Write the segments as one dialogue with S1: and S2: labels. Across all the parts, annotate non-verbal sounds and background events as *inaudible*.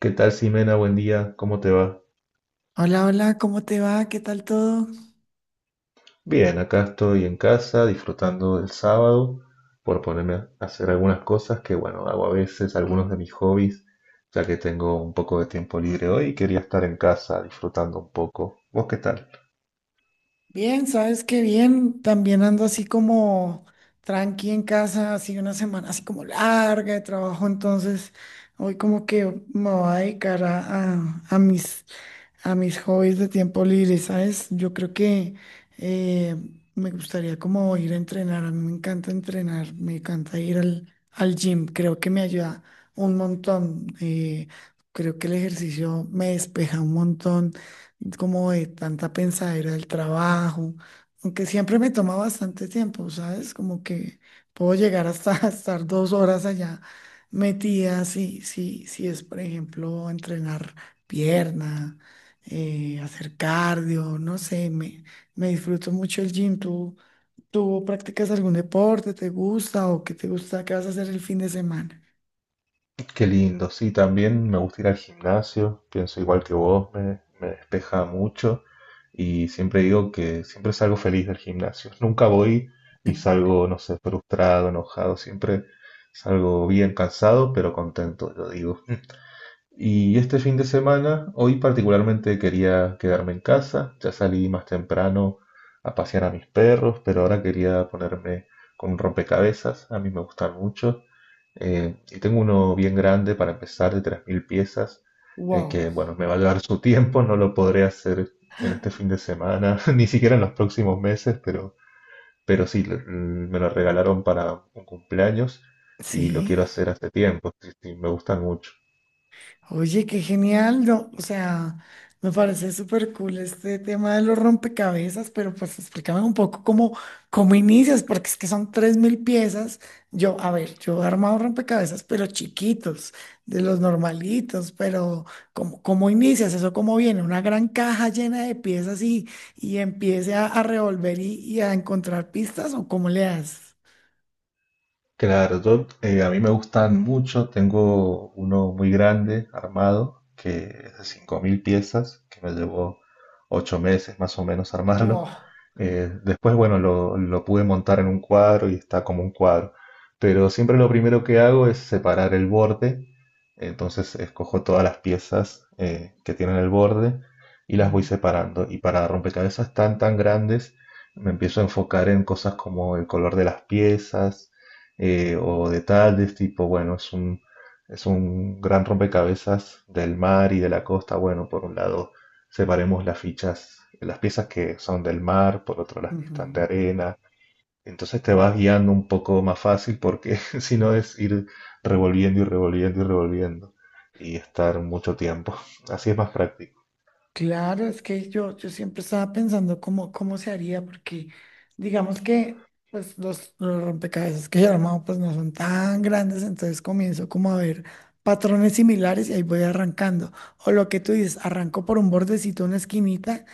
S1: ¿Qué tal, Simena? Buen día, ¿cómo te va?
S2: Hola, hola, ¿cómo te va? ¿Qué tal todo?
S1: Bien, acá estoy en casa disfrutando del sábado por ponerme a hacer algunas cosas que, bueno, hago a veces, algunos de mis hobbies, ya que tengo un poco de tiempo libre hoy y quería estar en casa disfrutando un poco. ¿Vos qué tal?
S2: Bien, sabes que bien. También ando así como tranqui en casa, así una semana así como larga de trabajo. Entonces, hoy como que me voy a dedicar a, a mis a mis hobbies de tiempo libre, ¿sabes? Yo creo que eh, me gustaría como ir a entrenar, a mí me encanta entrenar, me encanta ir al gym, creo que me ayuda un montón, creo que el ejercicio me despeja un montón como de tanta pensadera del trabajo, aunque siempre me toma bastante tiempo, ¿sabes? Como que puedo llegar hasta *laughs* estar 2 horas allá metida, si es, por ejemplo, entrenar pierna hacer cardio, no sé, me disfruto mucho el gym. ¿Tú practicas algún deporte? ¿Te gusta o qué te gusta? ¿Qué vas a hacer el fin de semana?
S1: Qué lindo, sí, también me gusta ir al gimnasio, pienso igual que vos, me despeja mucho y siempre digo que siempre salgo feliz del gimnasio. Nunca voy y salgo, no sé, frustrado, enojado, siempre salgo bien cansado, pero contento, lo digo. *laughs* Y este fin de semana, hoy particularmente quería quedarme en casa, ya salí más temprano a pasear a mis perros, pero ahora quería ponerme con un rompecabezas, a mí me gustan mucho, y tengo uno bien grande para empezar de 3.000 piezas, que
S2: Wow.
S1: bueno, me va a llevar su tiempo, no lo podré hacer en este fin de semana, *laughs* ni siquiera en los próximos meses, pero sí, me lo regalaron para un cumpleaños y lo
S2: Sí.
S1: quiero hacer hace tiempo, sí, sí, me gustan mucho.
S2: Oye, qué genial, no, o sea, me parece súper cool este tema de los rompecabezas, pero pues explícame un poco cómo inicias, porque es que son 3000 piezas. Yo, a ver, yo he armado rompecabezas, pero chiquitos, de los normalitos, pero cómo inicias eso? ¿Cómo viene? Una gran caja llena de piezas y empiece a revolver y a encontrar pistas, ¿o cómo le das?
S1: Claro, yo, a mí me gustan mucho, tengo uno muy grande armado, que es de 5.000 piezas, que me llevó 8 meses más o menos *laughs* armarlo.
S2: Wow.
S1: Después, bueno, lo pude montar en un cuadro y está como un cuadro. Pero siempre lo primero que hago es separar el borde, entonces escojo todas las piezas que tienen el borde y las voy
S2: Mm,
S1: separando. Y para rompecabezas tan grandes, me empiezo a enfocar en cosas como el color de las piezas o detalles tipo, bueno, es un gran rompecabezas del mar y de la costa. Bueno, por un lado separemos las fichas, las piezas que son del mar, por otro las que están de
S2: ujú.
S1: arena. Entonces te vas guiando un poco más fácil porque *laughs* si no es ir revolviendo y revolviendo y revolviendo y estar mucho tiempo. Así es más práctico.
S2: Claro, es que yo siempre estaba pensando cómo se haría, porque digamos que pues, los rompecabezas que yo he armado pues, no son tan grandes, entonces comienzo como a ver patrones similares y ahí voy arrancando. O lo que tú dices, arranco por un bordecito, una esquinita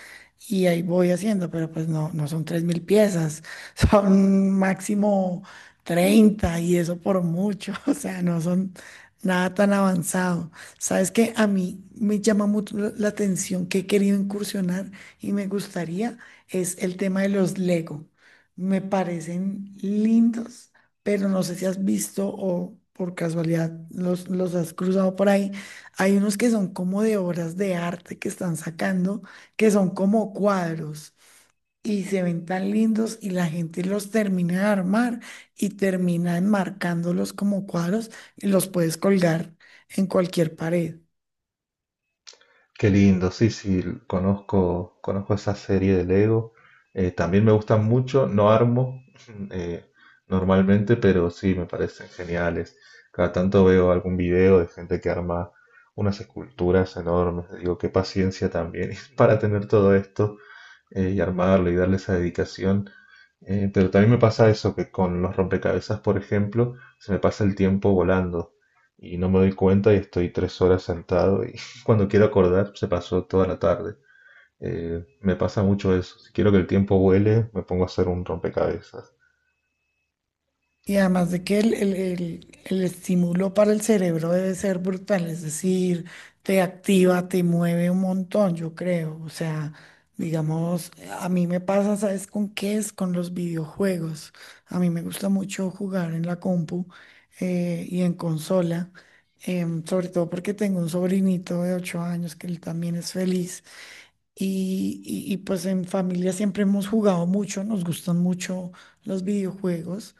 S2: y ahí voy haciendo, pero pues no, no son 3000 piezas, *laughs* son máximo 30 y eso por mucho, *laughs* o sea, no son nada tan avanzado. Sabes que a mí me llama mucho la atención que he querido incursionar y me gustaría es el tema de los Lego. Me parecen lindos, pero no sé si has visto o por casualidad los has cruzado por ahí. Hay unos que son como de obras de arte que están sacando, que son como cuadros y se ven tan lindos y la gente los termina de armar y termina enmarcándolos como cuadros y los puedes colgar en cualquier pared.
S1: Qué lindo, sí, sí, conozco, conozco esa serie de Lego. También me gustan mucho, no armo *laughs* eh, normalmente, pero sí me parecen geniales. Cada tanto veo algún video de gente que arma unas esculturas enormes. Digo, qué paciencia también *laughs* para tener todo esto y armarlo y darle esa dedicación. Pero también me pasa eso, que con los rompecabezas, por ejemplo, se me pasa el tiempo volando y no me doy cuenta y estoy 3 horas sentado y *laughs* cuando quiero acordar se pasó toda la tarde. Me pasa mucho eso. Si quiero que el tiempo vuele, me pongo a hacer un rompecabezas.
S2: Y además de que el estímulo para el cerebro debe ser brutal, es decir, te activa, te mueve un montón, yo creo. O sea, digamos, a mí me pasa, ¿sabes con qué es? Con los videojuegos. A mí me gusta mucho jugar en la compu y en consola, sobre todo porque tengo un sobrinito de 8 años que él también es feliz. Y pues en familia siempre hemos jugado mucho, nos gustan mucho los videojuegos.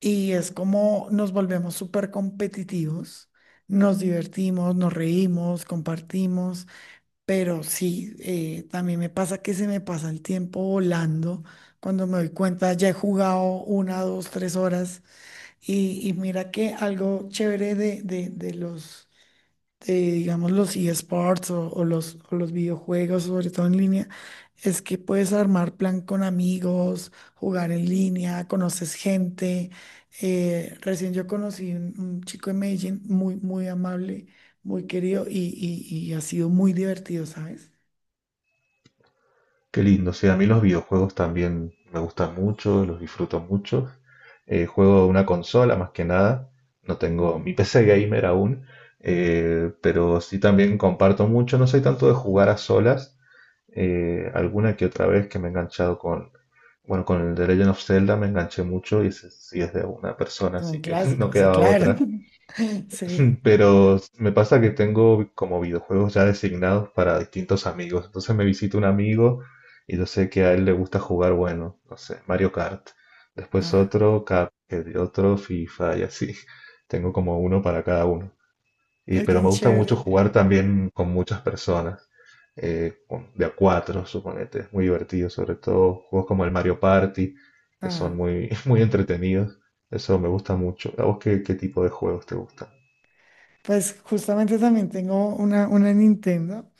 S2: Y es como nos volvemos súper competitivos, nos divertimos, nos reímos, compartimos, pero sí, también me pasa que se me pasa el tiempo volando. Cuando me doy cuenta, ya he jugado una, dos, 3 horas. Y mira que algo chévere de los digamos, los eSports o los videojuegos, sobre todo en línea, es que puedes armar plan con amigos, jugar en línea, conoces gente. Recién yo conocí un chico en Medellín muy, muy amable, muy querido y ha sido muy divertido, ¿sabes?
S1: Qué lindo, sí, a mí los videojuegos también me gustan mucho, los disfruto mucho. Juego una consola más que nada, no tengo
S2: Mm,
S1: mi *laughs* PC gamer aún, pero sí también comparto mucho, no soy tanto de jugar a solas, alguna que otra vez que me he enganchado con, bueno, con el The Legend of Zelda me enganché mucho y ese sí es de una persona,
S2: son
S1: así que *laughs* no
S2: clásicos, sí,
S1: quedaba
S2: claro.
S1: otra
S2: *laughs* Sí,
S1: pero me pasa que tengo como videojuegos ya designados para distintos amigos. Entonces me visita un amigo y yo sé que a él le gusta jugar, bueno, no sé, Mario Kart. Después
S2: ah,
S1: otro Cuphead, otro FIFA y así. *laughs* Tengo como uno para cada uno. Y,
S2: es
S1: pero
S2: tan
S1: me gusta mucho
S2: chévere.
S1: jugar también con muchas personas, de a cuatro, suponete. Es muy divertido, sobre todo juegos como el Mario Party, que son
S2: Ah,
S1: muy, *laughs* muy entretenidos. Eso me gusta mucho. ¿A vos qué, qué tipo de juegos te gustan?
S2: pues justamente también tengo una Nintendo.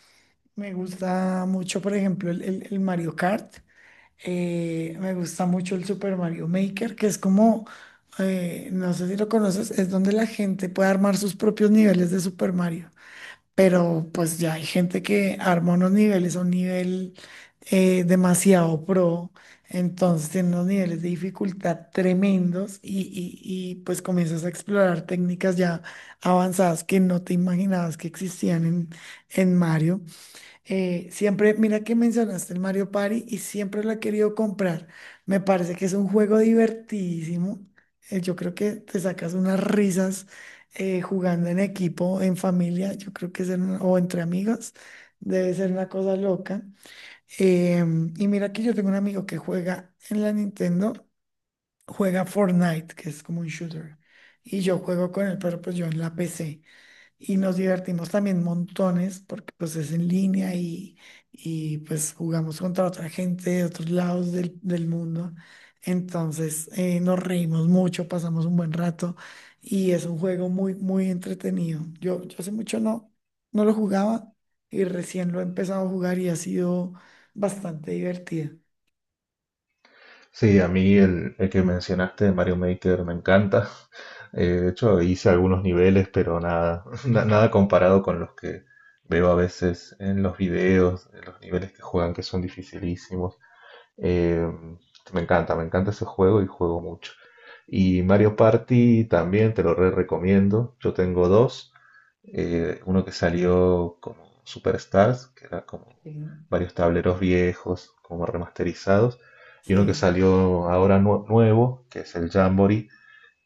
S2: Me gusta mucho, por ejemplo, el Mario Kart. Me gusta mucho el Super Mario Maker, que es como, no sé si lo conoces, es donde la gente puede armar sus propios niveles de Super Mario. Pero pues ya hay gente que arma unos niveles a un nivel demasiado pro. Entonces tiene unos niveles de dificultad tremendos pues comienzas a explorar técnicas ya avanzadas que no te imaginabas que existían en Mario. Siempre, mira que mencionaste el Mario Party y siempre lo he querido comprar. Me parece que es un juego divertidísimo. Yo creo que te sacas unas risas jugando en equipo, en familia. Yo creo que es en- o entre amigos. Debe ser una cosa loca. Y mira que yo tengo un amigo que juega en la Nintendo, juega Fortnite, que es como un shooter. Y yo juego con él, pero pues yo en la PC. Y nos divertimos también montones porque pues es en línea pues jugamos contra otra gente de otros lados del mundo. Entonces nos reímos mucho, pasamos un buen rato y es un juego muy, muy entretenido. Yo hace mucho no, no lo jugaba y recién lo he empezado a jugar y ha sido bastante divertido.
S1: Sí, a mí el que mencionaste de Mario Maker me encanta. *laughs* De hecho, hice algunos niveles, pero nada, *laughs* nada comparado con los que veo a veces en los videos, en los niveles que juegan que son dificilísimos. Eh, me encanta, me encanta ese juego y juego mucho. Y Mario Party también te lo re recomiendo. Yo tengo dos uno que salió como Superstars, que era como
S2: Sí.
S1: varios tableros viejos, como remasterizados, y uno que
S2: Sí,
S1: salió ahora nuevo, que es el Jamboree,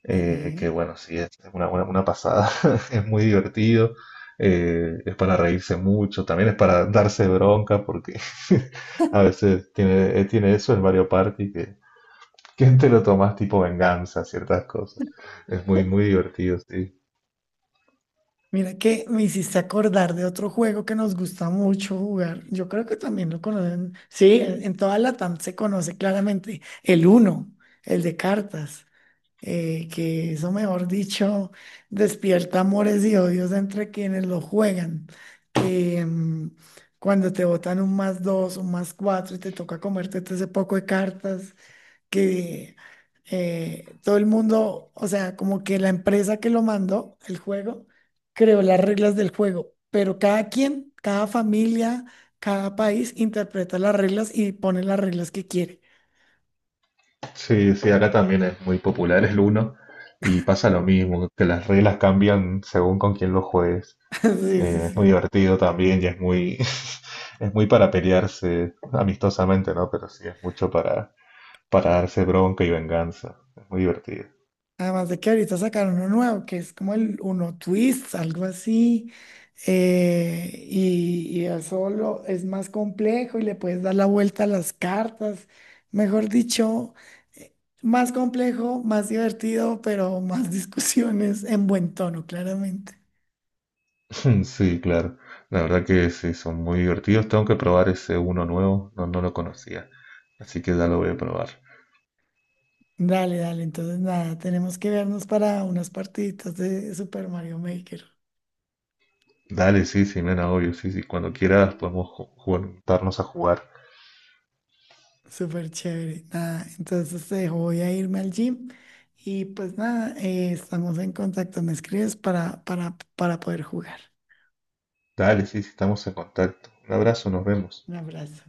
S1: que
S2: sí.
S1: bueno, sí, es una pasada, *laughs* es muy divertido, es para reírse mucho, también es para darse bronca, porque *laughs* a veces tiene, tiene eso el Mario Party, que te lo tomas tipo venganza, ciertas cosas. Es muy, muy divertido, sí.
S2: Mira que me hiciste acordar de otro juego que nos gusta mucho jugar. Yo creo que también lo conocen. Sí, en toda Latam se conoce claramente el uno, el de cartas, que eso, mejor dicho, despierta amores y odios entre quienes lo juegan. Que cuando te botan un más dos, un más cuatro y te toca comerte todo ese poco de cartas que todo el mundo, o sea, como que la empresa que lo mandó, el juego, creó las reglas del juego, pero cada quien, cada familia, cada país interpreta las reglas y pone las reglas que quiere.
S1: Sí, sí, acá también es muy popular el uno y pasa lo mismo, que las reglas cambian según con quién lo juegues.
S2: *laughs* Sí, sí,
S1: Es muy
S2: sí.
S1: divertido también y es muy, *laughs* es muy para pelearse amistosamente, ¿no? Pero sí, es mucho para darse bronca y venganza. Es muy divertido.
S2: Además de que ahorita sacaron uno nuevo, que es como el Uno Twist, algo así. Y es más complejo y le puedes dar la vuelta a las cartas. Mejor dicho, eh, más complejo, más divertido, pero más *laughs* discusiones en buen tono, claramente.
S1: *laughs* Sí, claro. La verdad que sí, son muy divertidos. Tengo que probar ese uno nuevo, no, no lo conocía. Así que ya lo voy a probar.
S2: Dale, dale. Entonces, nada, tenemos que vernos para unas partiditas de Super Mario Maker.
S1: Dale, sí, sí, nena, obvio, sí, sí. Cuando quieras podemos juntarnos a jugar.
S2: Súper chévere. Nada, entonces te dejo, voy a irme al gym y pues nada, estamos en contacto. Me escribes para poder jugar.
S1: Dale, sí, sí, estamos en contacto. Un abrazo, nos vemos.
S2: Un abrazo.